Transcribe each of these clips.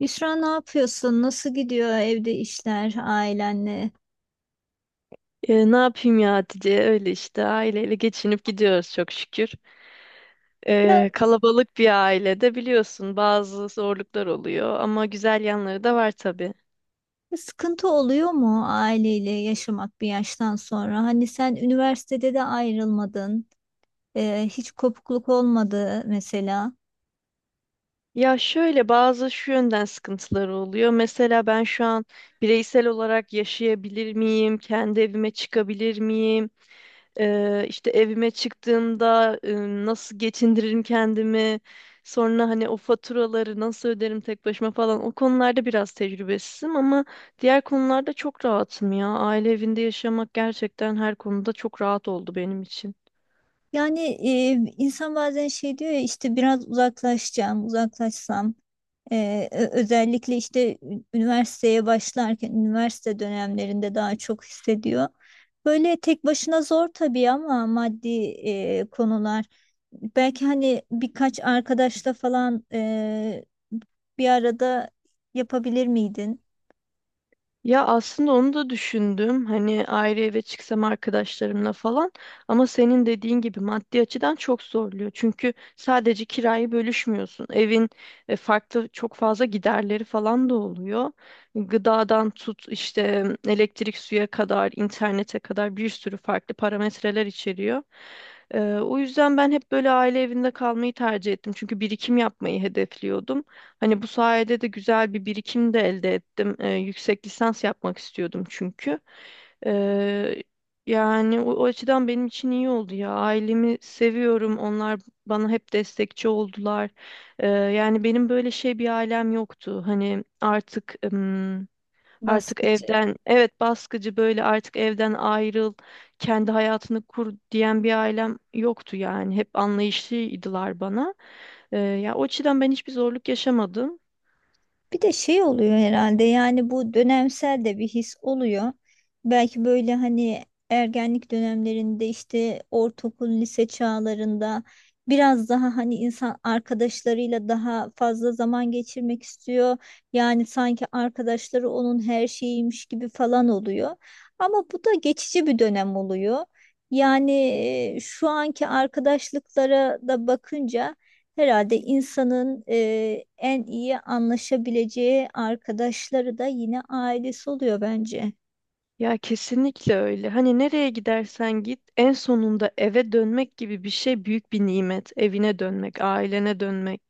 Büşra ne yapıyorsun? Nasıl gidiyor evde işler ailenle? Ne yapayım ya Hatice? Öyle işte aileyle geçinip gidiyoruz çok şükür. Ya Kalabalık bir ailede biliyorsun bazı zorluklar oluyor ama güzel yanları da var tabii. sıkıntı oluyor mu aileyle yaşamak bir yaştan sonra? Hani sen üniversitede de ayrılmadın, hiç kopukluk olmadı mesela. Ya şöyle bazı şu yönden sıkıntıları oluyor. Mesela ben şu an bireysel olarak yaşayabilir miyim? Kendi evime çıkabilir miyim? İşte evime çıktığımda nasıl geçindiririm kendimi, sonra hani o faturaları nasıl öderim tek başıma falan o konularda biraz tecrübesizim ama diğer konularda çok rahatım ya. Aile evinde yaşamak gerçekten her konuda çok rahat oldu benim için. Yani insan bazen şey diyor ya işte biraz uzaklaşacağım, uzaklaşsam. Özellikle işte üniversiteye başlarken üniversite dönemlerinde daha çok hissediyor. Böyle tek başına zor tabii ama maddi konular. Belki hani birkaç arkadaşla falan bir arada yapabilir miydin Ya aslında onu da düşündüm. Hani ayrı eve çıksam arkadaşlarımla falan ama senin dediğin gibi maddi açıdan çok zorluyor. Çünkü sadece kirayı bölüşmüyorsun. Evin farklı çok fazla giderleri falan da oluyor. Gıdadan tut işte elektrik suya kadar, internete kadar bir sürü farklı parametreler içeriyor. O yüzden ben hep böyle aile evinde kalmayı tercih ettim. Çünkü birikim yapmayı hedefliyordum. Hani bu sayede de güzel bir birikim de elde ettim. Yüksek lisans yapmak istiyordum çünkü. Ee, Yani o açıdan benim için iyi oldu ya. Ailemi seviyorum. Onlar bana hep destekçi oldular. Yani benim böyle şey bir ailem yoktu. Artık baskı? evden, evet baskıcı böyle artık evden ayrıl, kendi hayatını kur diyen bir ailem yoktu yani. Hep anlayışlıydılar bana. Ya o açıdan ben hiçbir zorluk yaşamadım. Bir de şey oluyor herhalde, yani bu dönemsel de bir his oluyor. Belki böyle hani ergenlik dönemlerinde işte ortaokul, lise çağlarında biraz daha hani insan arkadaşlarıyla daha fazla zaman geçirmek istiyor. Yani sanki arkadaşları onun her şeyiymiş gibi falan oluyor. Ama bu da geçici bir dönem oluyor. Yani şu anki arkadaşlıklara da bakınca herhalde insanın en iyi anlaşabileceği arkadaşları da yine ailesi oluyor bence. Ya kesinlikle öyle. Hani nereye gidersen git, en sonunda eve dönmek gibi bir şey büyük bir nimet. Evine dönmek, ailene dönmek.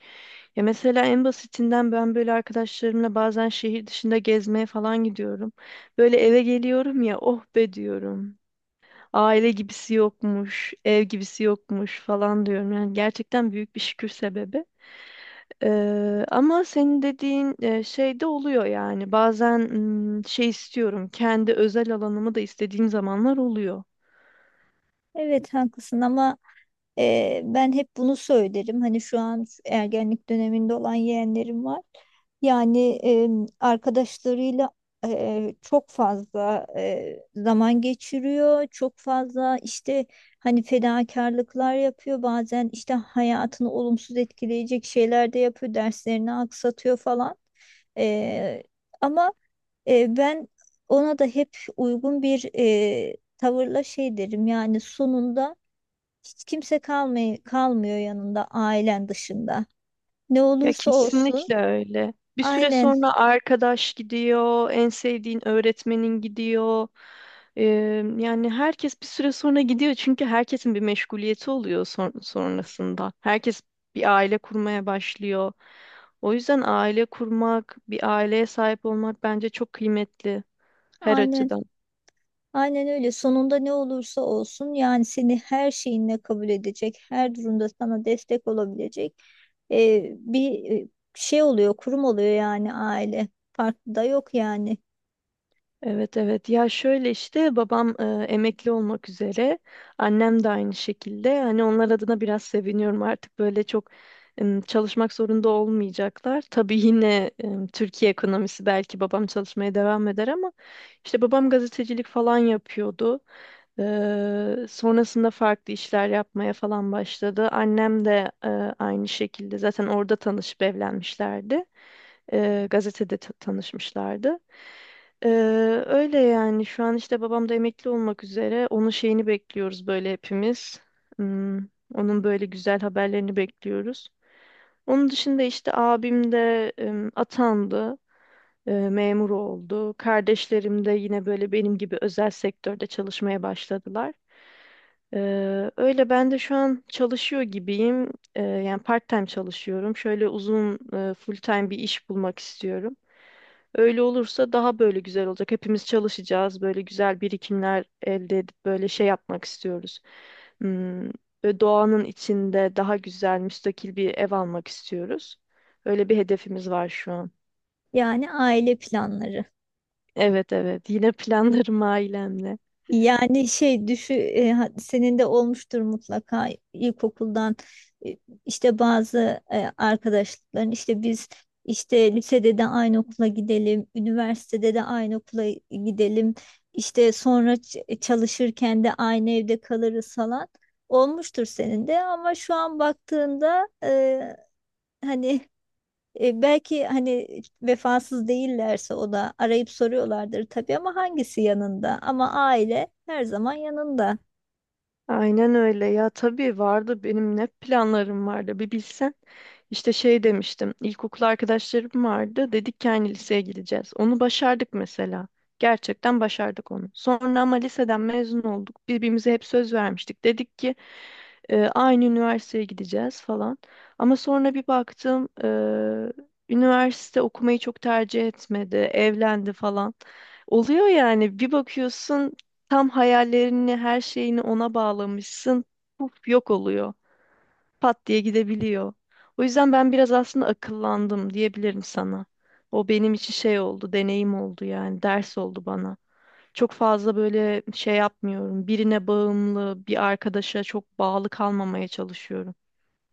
Ya mesela en basitinden ben böyle arkadaşlarımla bazen şehir dışında gezmeye falan gidiyorum. Böyle eve geliyorum ya, oh be diyorum. Aile gibisi yokmuş, ev gibisi yokmuş falan diyorum. Yani gerçekten büyük bir şükür sebebi. Ama senin dediğin şey de oluyor yani. Bazen şey istiyorum, kendi özel alanımı da istediğim zamanlar oluyor. Evet, haklısın, ama ben hep bunu söylerim. Hani şu an şu ergenlik döneminde olan yeğenlerim var. Yani arkadaşlarıyla çok fazla zaman geçiriyor. Çok fazla işte hani fedakarlıklar yapıyor. Bazen işte hayatını olumsuz etkileyecek şeyler de yapıyor. Derslerini aksatıyor falan. Ee, ama ben ona da hep uygun bir tavırla şey derim. Yani sonunda hiç kimse kalmıyor yanında ailen dışında. Ne Ya olursa olsun. kesinlikle öyle. Bir süre Aynen, sonra arkadaş gidiyor, en sevdiğin öğretmenin gidiyor. Ee, Yani herkes bir süre sonra gidiyor çünkü herkesin bir meşguliyeti oluyor sonrasında. Herkes bir aile kurmaya başlıyor. O yüzden aile kurmak, bir aileye sahip olmak bence çok kıymetli her aynen, açıdan. aynen öyle, sonunda ne olursa olsun yani seni her şeyinle kabul edecek, her durumda sana destek olabilecek e, bir e, şey oluyor, kurum oluyor yani, aile, farklı da yok yani. Evet, evet, ya şöyle işte babam emekli olmak üzere, annem de aynı şekilde, hani onlar adına biraz seviniyorum artık böyle çok çalışmak zorunda olmayacaklar. Tabii yine Türkiye ekonomisi belki babam çalışmaya devam eder ama işte babam gazetecilik falan yapıyordu. Sonrasında farklı işler yapmaya falan başladı. Annem de aynı şekilde zaten orada tanışıp evlenmişlerdi. Gazetede tanışmışlardı. Eee, Öyle yani şu an işte babam da emekli olmak üzere, onun şeyini bekliyoruz böyle hepimiz. Hmm, onun böyle güzel haberlerini bekliyoruz. Onun dışında işte abim de atandı, memur oldu. Kardeşlerim de yine böyle benim gibi özel sektörde çalışmaya başladılar. Öyle ben de şu an çalışıyor gibiyim. Yani part-time çalışıyorum. Şöyle uzun full-time bir iş bulmak istiyorum. Öyle olursa daha böyle güzel olacak. Hepimiz çalışacağız. Böyle güzel birikimler elde edip böyle şey yapmak istiyoruz. Hmm, böyle doğanın içinde daha güzel, müstakil bir ev almak istiyoruz. Öyle bir hedefimiz var şu an. Yani aile planları. Evet, evet, yine planlarım ailemle. Yani senin de olmuştur mutlaka ilkokuldan e, işte bazı arkadaşlıkların, işte biz işte lisede de aynı okula gidelim, üniversitede de aynı okula gidelim, işte sonra çalışırken de aynı evde kalırız falan, olmuştur senin de, ama şu an baktığında hani belki hani vefasız değillerse o da arayıp soruyorlardır tabii, ama hangisi yanında? Ama aile her zaman yanında. Aynen öyle ya, tabii vardı benim, ne planlarım vardı bir bilsen. İşte şey demiştim, ilkokul arkadaşlarım vardı, dedik ki aynı liseye gideceğiz. Onu başardık mesela. Gerçekten başardık onu. Sonra ama liseden mezun olduk. Birbirimize hep söz vermiştik. Dedik ki aynı üniversiteye gideceğiz falan. Ama sonra bir baktım üniversite okumayı çok tercih etmedi, evlendi falan. Oluyor yani, bir bakıyorsun tam hayallerini, her şeyini ona bağlamışsın. Puf, yok oluyor. Pat diye gidebiliyor. O yüzden ben biraz aslında akıllandım diyebilirim sana. O benim için şey oldu, deneyim oldu, yani ders oldu bana. Çok fazla böyle şey yapmıyorum. Birine bağımlı, bir arkadaşa çok bağlı kalmamaya çalışıyorum.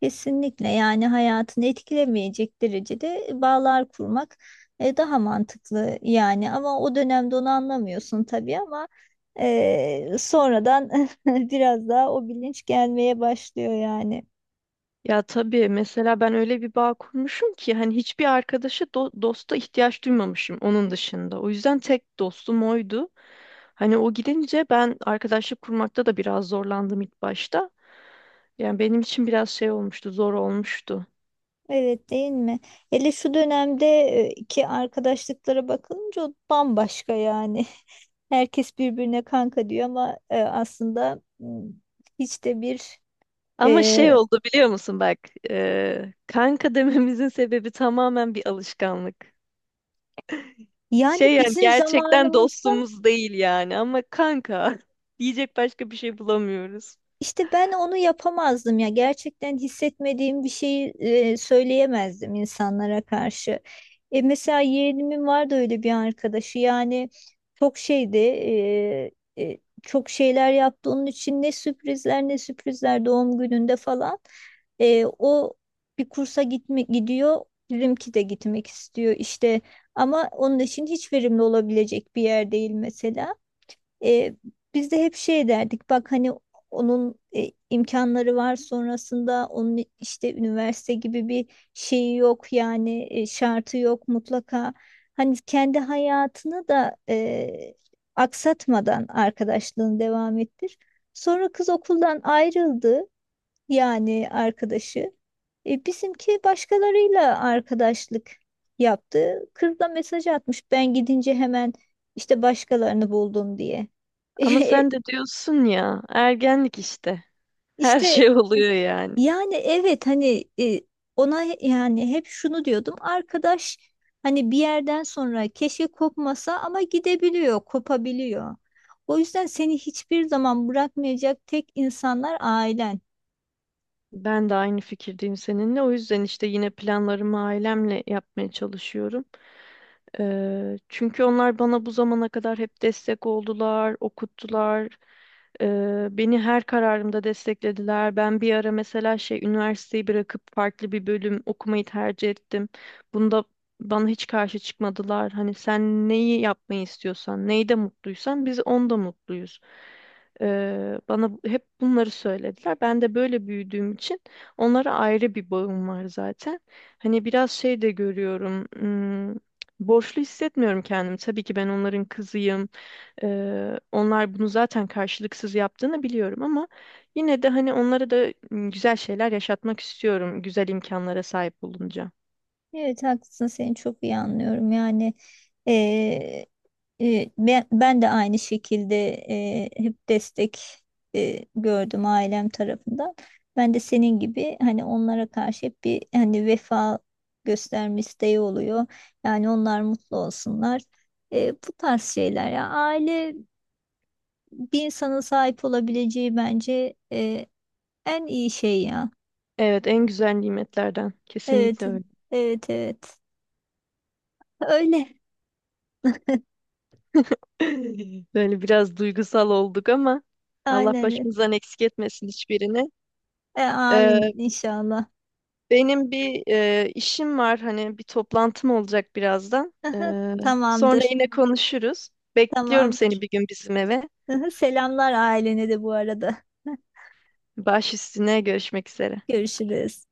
Kesinlikle, yani hayatını etkilemeyecek derecede bağlar kurmak daha mantıklı yani, ama o dönemde onu anlamıyorsun tabii, ama sonradan biraz daha o bilinç gelmeye başlıyor yani. Ya tabii, mesela ben öyle bir bağ kurmuşum ki hani hiçbir arkadaşa dosta ihtiyaç duymamışım onun dışında. O yüzden tek dostum oydu. Hani o gidince ben arkadaşlık kurmakta da biraz zorlandım ilk başta. Yani benim için biraz şey olmuştu, zor olmuştu. Evet, değil mi? Hele şu dönemde ki arkadaşlıklara bakılınca o bambaşka yani. Herkes birbirine kanka diyor ama aslında hiç de bir Ama şey e, oldu biliyor musun bak, kanka dememizin sebebi tamamen bir alışkanlık. yani Şey, yani bizim gerçekten zamanımızda dostumuz değil yani ama kanka diyecek başka bir şey bulamıyoruz. İşte ben onu yapamazdım ya. Gerçekten hissetmediğim bir şeyi söyleyemezdim insanlara karşı. Mesela yeğenimin vardı öyle bir arkadaşı. Yani çok şeydi, e, çok şeyler yaptı onun için, ne sürprizler, ne sürprizler doğum gününde falan. O bir kursa gitme gidiyor. Bizimki de gitmek istiyor işte, ama onun için hiç verimli olabilecek bir yer değil mesela. E, Biz de hep şey derdik, bak hani onun imkanları var sonrasında, onun işte üniversite gibi bir şeyi yok yani, şartı yok, mutlaka hani kendi hayatını da aksatmadan arkadaşlığını devam ettir. Sonra kız okuldan ayrıldı, yani arkadaşı. Bizimki başkalarıyla arkadaşlık yaptı. Kız da mesaj atmış ben gidince hemen işte başkalarını buldum diye. Ama E, sen de diyorsun ya, ergenlik işte. Her işte şey oluyor yani. yani evet, hani ona yani hep şunu diyordum, arkadaş hani bir yerden sonra keşke kopmasa, ama gidebiliyor, kopabiliyor. O yüzden seni hiçbir zaman bırakmayacak tek insanlar ailen. Ben de aynı fikirdeyim seninle. O yüzden işte yine planlarımı ailemle yapmaya çalışıyorum. Çünkü onlar bana bu zamana kadar hep destek oldular, okuttular. Beni her kararımda desteklediler. Ben bir ara mesela şey üniversiteyi bırakıp farklı bir bölüm okumayı tercih ettim. Bunda bana hiç karşı çıkmadılar. Hani sen neyi yapmayı istiyorsan, neyde mutluysan biz onda mutluyuz. Bana hep bunları söylediler. Ben de böyle büyüdüğüm için onlara ayrı bir bağım var zaten. Hani biraz şey de görüyorum. Borçlu hissetmiyorum kendimi. Tabii ki ben onların kızıyım. Onlar bunu zaten karşılıksız yaptığını biliyorum ama yine de hani onlara da güzel şeyler yaşatmak istiyorum. Güzel imkanlara sahip olunca. Evet, haklısın, seni çok iyi anlıyorum yani. eee, ben de aynı şekilde hep destek gördüm ailem tarafından. Ben de senin gibi hani onlara karşı hep bir hani vefa gösterme isteği oluyor. Yani onlar mutlu olsunlar. Bu tarz şeyler ya, aile bir insanın sahip olabileceği bence en iyi şey ya. Evet, en güzel nimetlerden. Evet, Kesinlikle öyle. evet, evet, öyle, Böyle biraz duygusal olduk ama Allah aynen. başımızdan eksik etmesin hiçbirini. Amin, Ee, inşallah. Benim bir işim var, hani bir toplantım olacak birazdan. Aha, Sonra tamamdır. yine konuşuruz. Bekliyorum seni Tamamdır. bir gün bizim eve. Aha, selamlar ailene de bu arada. Baş üstüne, görüşmek üzere. Görüşürüz.